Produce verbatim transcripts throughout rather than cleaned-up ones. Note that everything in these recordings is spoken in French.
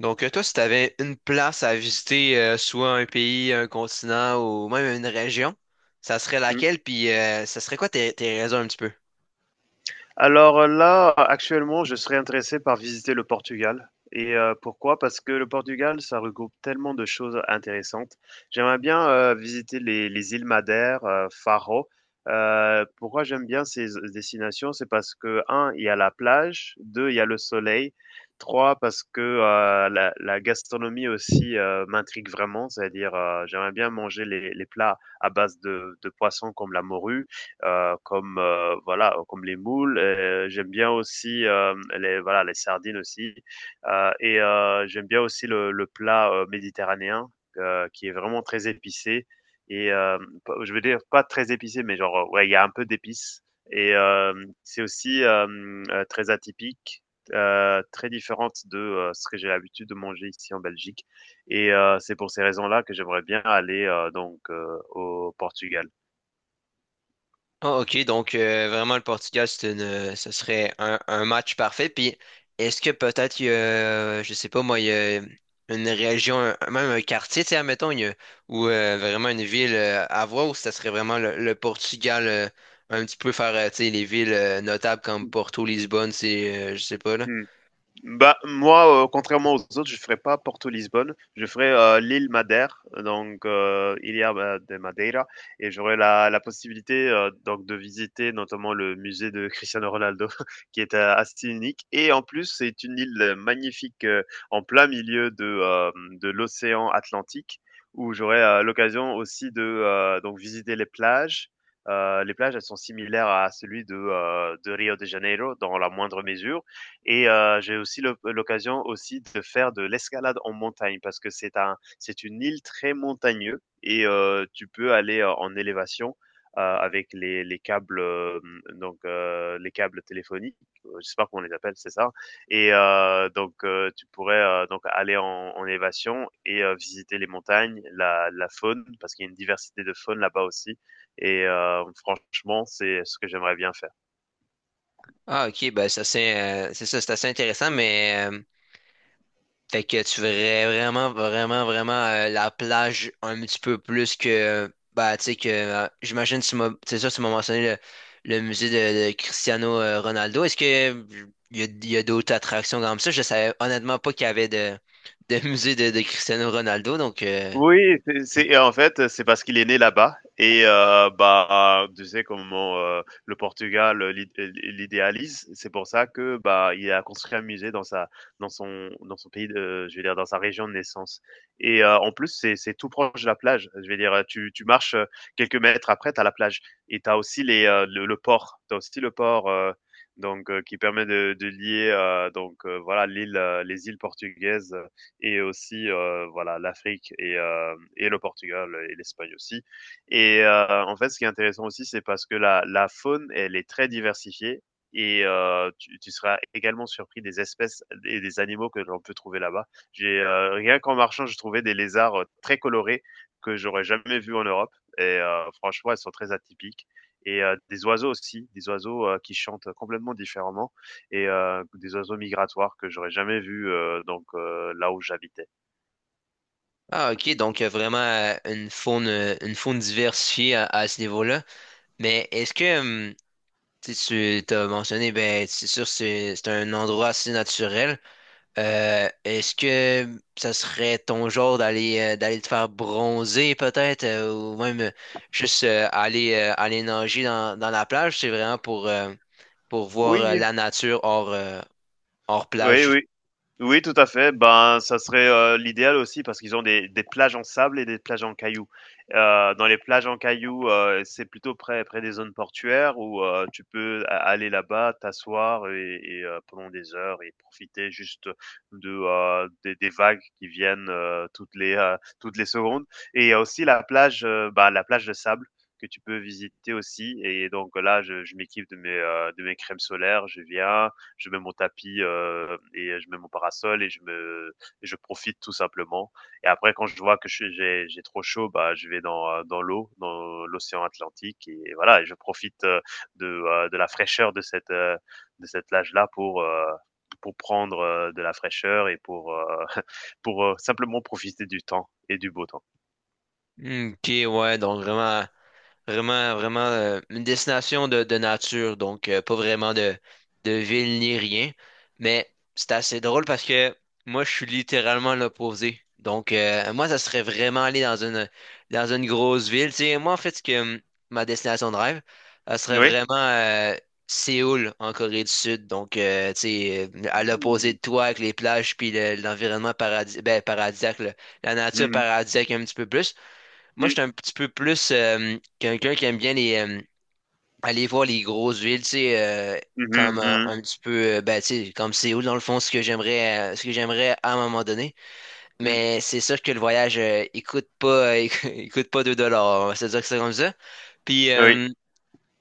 Donc, euh, toi, si tu avais une place à visiter, euh, soit un pays, un continent ou même une région, ça serait Mmh. laquelle? Puis, euh, ça serait quoi tes, tes raisons un petit peu? Alors, euh, là, actuellement, je serais intéressé par visiter le Portugal et heu, pourquoi? Parce que le Portugal, ça regroupe tellement de choses intéressantes. J'aimerais bien, heu, visiter les les îles Madère, heu, Faro. Heu, pourquoi j'aime bien ces destinations? C'est parce que un, il y a la plage, deux, il y a le soleil, trois, parce que, heu, la la gastronomie aussi, heu, m'intrigue vraiment, c'est-à-dire, heu, j'aimerais bien manger les les plats à base de de poissons comme la morue, heu, comme, heu, voilà, euh, comme les moules, heu, j'aime bien aussi, hem, les voilà, les sardines aussi, heu et heu, j'aime bien aussi le le plat, heu, méditerranéen, heu, qui est vraiment très épicé et hem, p je veux dire pas très épicé, mais genre, euh, ouais, il y a un peu d'épices et hem, c'est aussi, hem, heu, très atypique, heu, très différente de, heu, ce que j'ai l'habitude de manger ici en Belgique et heu, c'est pour ces raisons-là que j'aimerais bien aller, heu, donc heu, au Portugal. Ah, ok. Donc, euh, vraiment, le Portugal, c'est une, euh, ce serait un, un match parfait. Puis, est-ce que peut-être, il y a, euh, je sais pas, moi, il y a une région, un- même un quartier, tu sais, admettons, il y a- ou euh, vraiment une ville euh, à voir, ou ça serait vraiment le, le Portugal, euh, un petit peu faire, euh, tu sais, les villes euh, notables comme Porto, Lisbonne, c'est, euh, je sais pas, là. Mmh. Bah, moi, heu, contrairement aux autres, je ferai pas Porto-Lisbonne, je ferai heu, l'île Madère, donc heu, Ilha Ma de Madeira et j'aurai la la possibilité, heu, donc de visiter notamment le musée de Cristiano Ronaldo qui est, heu, assez unique et en plus, c'est une île magnifique, heu, en plein milieu de, hem, de l'océan Atlantique où j'aurai heu, l'occasion aussi de, heu, donc visiter les plages. Heu, les plages, elles sont similaires à celui de, heu, de Rio de Janeiro dans la moindre mesure et euh, j'ai aussi l'oc- l'occasion aussi de faire de l'escalade en montagne parce que c'est un, c'est une île très montagneuse et euh, tu peux aller euh, en élévation euh, avec les, les câbles euh, donc euh, les câbles téléphoniques, euh, je sais pas comment on les appelle, c'est ça. Et euh, donc euh, tu pourrais euh, donc aller en, en élévation et euh, visiter les montagnes, la, la faune parce qu'il y a une diversité de faune là-bas aussi. Et euh, franchement, c'est ce que j'aimerais bien faire. Ah, ok, ben ça c'est euh, c'est ça, c'est assez intéressant, mais euh, fait que tu verrais vraiment, vraiment, vraiment euh, la plage un petit peu plus que bah tu sais que euh, j'imagine tu m'as c'est ça, tu m'as mentionné le, le musée de, de Cristiano euh, Ronaldo. Est-ce que il y a, il y a d'autres attractions comme ça? Je savais honnêtement pas qu'il y avait de, de musée de, de Cristiano Ronaldo, donc euh, Oui, c'est c'est en fait, c'est parce qu'il est né là-bas et heu, bah, tu sais comment, heu, le Portugal, euh, l'id euh, l'idéalise. C'est pour ça que, bah, il a construit un musée dans sa dans son dans son pays de je veux dire dans sa région de naissance et heu, en plus, c'est c'est tout proche de la plage. Je veux dire, tu tu marches, heu, quelques mètres après, tu as la plage et tu as aussi les, heu, le le port. Tu as aussi le port, heu, donc heu, qui permet de de lier, heu, donc heu, voilà l'île, heu, les îles portugaises et aussi heu, voilà l'Afrique et heu et le Portugal et l'Espagne aussi et heu, en fait, ce qui est intéressant aussi, c'est parce que la la faune, elle est très diversifiée et heu, tu tu seras également surpris des espèces et des animaux que l'on peut trouver là-bas. J'ai, heu, rien qu'en marchant, je trouvais des lézards, heu, très colorés que j'aurais jamais vus en Europe et heu, franchement, elles sont très atypiques et heu, des oiseaux aussi, des oiseaux, heu, qui chantent complètement différemment et euh, des oiseaux migratoires que j'aurais jamais vus euh, donc euh, là où j'habitais. ah ok, donc euh, vraiment euh, une faune euh, une faune diversifiée à, à ce niveau-là. Mais est-ce que hum, Si tu t'as mentionné, ben, c'est sûr, c'est c'est un endroit assez naturel. Euh, est-ce que ça serait ton genre d'aller euh, d'aller te faire bronzer peut-être, euh, ou même euh, juste euh, aller euh, aller nager dans, dans la plage? C'est vraiment pour euh, pour voir euh, Oui, la nature hors euh, hors oui, plage. oui. Oui, tout à fait. Ben, ça serait, heu, l'idéal aussi parce qu'ils ont des des plages en sable et des plages en cailloux. Heu, dans les plages en cailloux, heu, c'est plutôt près près des zones portuaires où, heu, tu peux a aller là-bas, t'asseoir et et heu, pendant des heures et profiter juste de, heu, des des vagues qui viennent, heu, toutes les, heu, toutes les secondes et il y a aussi la plage, heu, bah, la plage de sable que tu peux visiter aussi et donc là, je je m'équipe de mes, heu, de mes crèmes solaires, je viens, je mets mon tapis euh, et je mets mon parasol et je me et je profite tout simplement. Et après quand je vois que je, j'ai j'ai trop chaud, bah je vais dans euh, dans l'eau, dans l'océan Atlantique et, et, voilà, et je profite euh, de euh, de la fraîcheur de cette euh, de cette plage là pour euh, pour prendre euh, de la fraîcheur et pour euh, pour euh, simplement profiter du temps et du beau temps. Ok, ouais, donc vraiment. Vraiment, vraiment euh, une destination de, de nature, donc euh, pas vraiment de, de ville ni rien. Mais c'est assez drôle parce que moi, je suis littéralement l'opposé. Donc, euh, moi, ça serait vraiment aller dans une, dans une grosse ville. Tu sais, moi, en fait, ce que, hum, ma destination de rêve, ça serait Oui. vraiment euh, Séoul, en Corée du Sud. Donc, euh, tu sais, euh, à l'opposé Mmh, de toi, avec les plages, puis le- l'environnement paradis, ben, paradisiaque, là, la nature mmh, mmh, paradisiaque un petit peu plus. Moi, je oui. suis un petit peu plus euh, quelqu'un qui aime bien les, euh, aller voir les grosses villes, tu sais, euh, comme euh, un petit peu, euh, ben, tu sais, comme Séoul, dans le fond, ce que j'aimerais, euh, ce que j'aimerais à un moment donné. Mais c'est sûr que le voyage, euh, il coûte pas, euh, il coûte pas deux dollars, on va se dire que c'est comme ça. Puis, euh,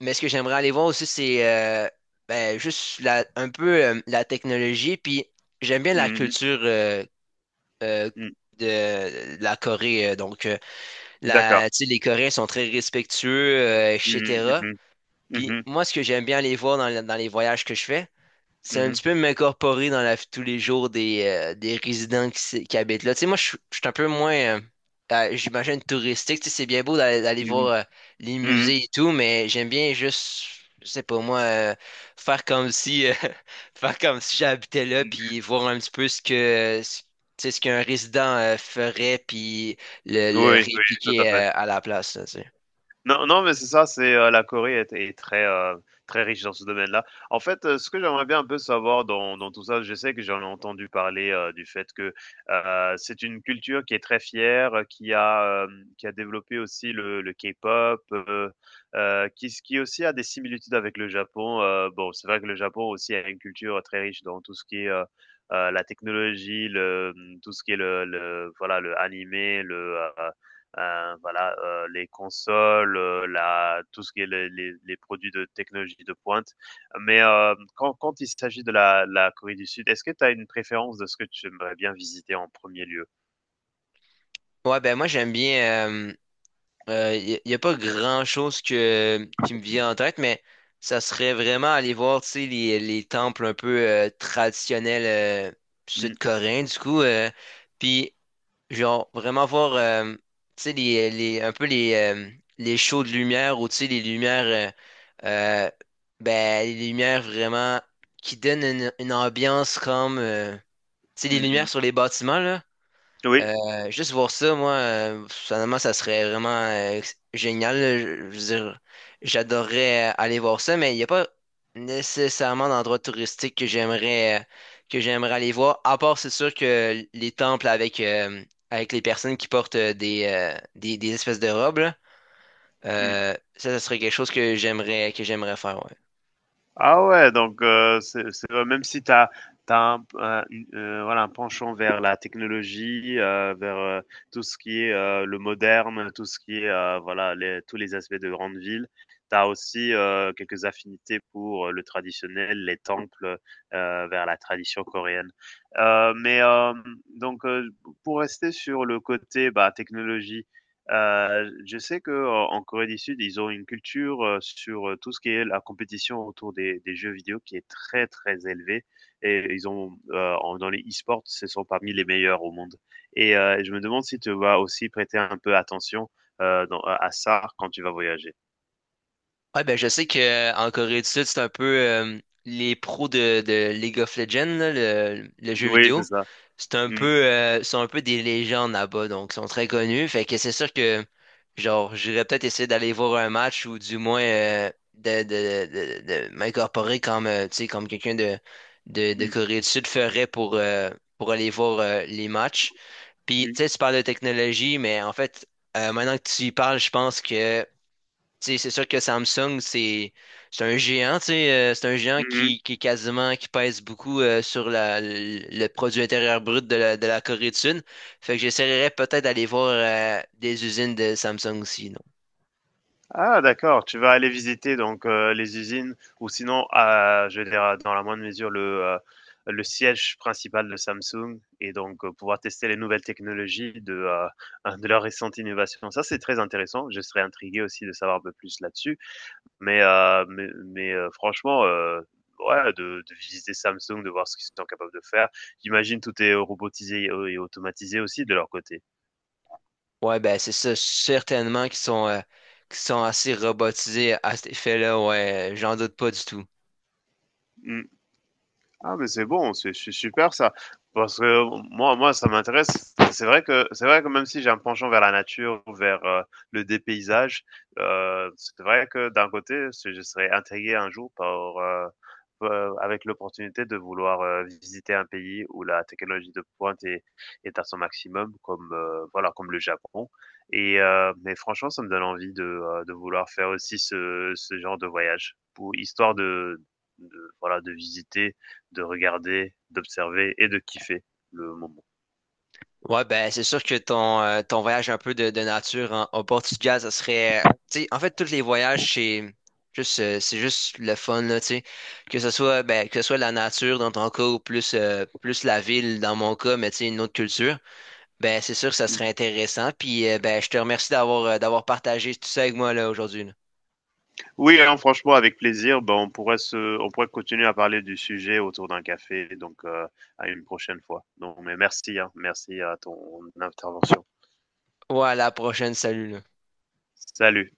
mais ce que j'aimerais aller voir aussi, c'est euh, ben, juste la, un peu euh, la technologie, puis j'aime bien la Mhm. culture euh, euh, Mhm. de, de la Corée, euh, donc. Euh, D'accord. la, tu sais, les Coréens sont très respectueux, euh, Mhm. et cetera. Mhm. Puis Mhm. moi, ce que j'aime bien aller voir dans, le- dans les voyages que je fais, c'est un Mhm. petit peu m'incorporer dans la vie de tous les jours des, euh, des résidents qui, s- qui habitent là. Tu sais, moi, je suis je suis un peu moins, euh, euh, j'imagine, touristique. Tu sais, c'est bien beau d'aller d'aller voir Mhm. euh, les Mmh mh. musées et tout, mais j'aime bien juste, je sais pas moi, euh, faire comme si, euh, faire comme si j'habitais là, Mmh. puis voir un petit peu ce que, ce, tu sais, ce qu'un résident euh, ferait, puis le, le Oui, oui, tout à répliquer fait. euh, à la place, là, tu sais. Non, non, mais c'est ça, c'est, heu, la Corée est est très, heu, très riche dans ce domaine-là. En fait, heu, ce que j'aimerais bien un peu savoir dans dans tout ça, je sais que j'en ai entendu parler, heu, du fait que, heu, c'est une culture qui est très fière, heu, qui a, hem, qui a développé aussi le le K-pop, heu heu, qui s qui aussi a des similitudes avec le Japon. Heu, bon, c'est vrai que le Japon aussi a une culture très riche dans tout ce qui est, heu heu, la technologie, le, mmh, tout ce qui est le le voilà, le animé, le, heu Euh, voilà, euh, les consoles, euh, la, tout ce qui est les, les, les produits de technologie de pointe. Mais euh, quand, quand il s'agit de la, la Corée du Sud, est-ce que tu as une préférence de ce que tu aimerais bien visiter en premier lieu? Ouais, ben moi, j'aime bien. Euh, Il n'y a pas grand-chose que, qui me vient en tête, mais ça serait vraiment aller voir, tu sais, les, les temples un peu euh, traditionnels euh, Mm, sud-coréens, du coup. Euh, puis, genre, vraiment voir, euh, tu sais, les, les, un peu les, euh, les shows de lumière ou, tu sais, les lumières, euh, euh, ben, les lumières vraiment qui donnent une, une ambiance comme, euh, tu sais, les mm, lumières mm. sur les bâtiments, là. Oui. Euh, juste voir ça, moi, euh, finalement, ça serait vraiment euh, génial. Là. Je, je veux dire, j'adorerais euh, aller voir ça, mais il n'y a pas nécessairement d'endroit touristique que j'aimerais euh, que j'aimerais aller voir. À part, c'est sûr que les temples avec euh, avec les personnes qui portent euh, des, euh, des des espèces de robes, là, Mm. euh, ça, ça serait quelque chose que j'aimerais que j'aimerais faire. Ouais. Ah ouais, donc euh, c'est, c'est- euh, même si tu as, un, un- une- euh, voilà, un penchant vers la technologie, euh, vers euh, tout ce qui est euh, le moderne, tout ce qui est euh, voilà, les, tous les aspects de grande ville, tu as aussi euh, quelques affinités pour euh, le traditionnel, les temples, euh, vers la tradition coréenne. Euh, mais euh, donc euh, pour rester sur le côté bah, technologie, Heu, je sais que euh, en Corée du Sud, ils ont une culture, heu, sur, heu, tout ce qui est la compétition autour des des jeux vidéo qui est très, très élevée et ils ont, heu, en dans les e-sports, ce sont parmi les meilleurs au monde et heu, je me demande si tu vas aussi prêter un peu attention, heu, dans à à ça quand tu vas voyager. Ouais, ben je sais que euh, en Corée du Sud, c'est un peu euh, les pros de, de League of Legends, là, le, le jeu Oui, c'est vidéo. ça. C'est un peu Mmh, euh, sont un peu des légendes là-bas, donc ils sont très connus. Fait que c'est sûr que genre j'irais peut-être essayer d'aller voir un match ou du moins euh, de, de, de, de m'incorporer comme euh, tu sais comme quelqu'un de, de, de mmh, Corée du Sud ferait pour, euh, pour aller voir euh, les matchs. Puis mmh. tu sais, tu parles de technologie, mais en fait, euh, maintenant que tu y parles, je pense que. Tu sais, c'est sûr que Samsung, c'est c'est un géant, tu sais, euh, c'est un géant Mmh. qui, qui est quasiment, qui pèse beaucoup euh, sur la, le, le produit intérieur brut de la, de la Corée du Sud. Fait que j'essaierais peut-être d'aller voir euh, des usines de Samsung aussi, non? Ah d'accord, tu vas aller visiter donc heu, les usines ou sinon, heu, je veux dire, dans la moindre mesure, le, heu, le siège principal de Samsung et donc heu, pouvoir tester les nouvelles technologies de, heu, de leurs récentes innovations. Ça, c'est très intéressant. Je serais intrigué aussi de savoir un peu plus là-dessus, mais heu, mais mais heu, franchement, heu, ouais, de de visiter Samsung, de voir ce qu'ils sont capables de faire. J'imagine tout est robotisé et automatisé aussi de leur côté. Ouais, ben c'est ça, certainement qu'ils sont, euh, qu'ils sont assez robotisés à cet effet-là, ouais, j'en doute pas du tout. Mmh. Ah, mais c'est bon, c'est c'est super ça. Parce que euh, moi, moi, ça m'intéresse. C'est vrai que c'est vrai que même si j'ai un penchant vers la nature, vers euh, le dépaysage, euh, c'est vrai que d'un côté, c'est- je serais intrigué un jour par euh, euh, avec l'opportunité de vouloir euh, visiter un pays où la technologie de pointe est, est à son maximum, comme euh, voilà, comme le Japon. Et euh, mais franchement, ça me donne envie de, euh, de vouloir faire aussi ce, ce genre de voyage pour histoire de, de voilà de visiter de regarder, d'observer et de kiffer le moment. Ouais, ben c'est sûr que ton, euh, ton voyage un peu de, de nature en, au Portugal, ça serait. Tu sais, en fait, tous les voyages, c'est juste, euh, c'est juste le fun, là, tu sais. Que ce soit, ben, que ce soit la nature dans ton cas ou plus, euh, plus la ville dans mon cas, mais tu sais, une autre culture, ben c'est sûr que ça serait intéressant. Puis, euh, ben, je te remercie d'avoir euh, d'avoir partagé tout ça avec moi, là, aujourd'hui, là. Oui, hein, franchement, avec plaisir. Ben, on pourrait se, on pourrait continuer à parler du sujet autour d'un café, donc euh, à une prochaine fois. Donc, mais merci, hein, merci à ton intervention. Ouais, à la prochaine, salut, là. Salut.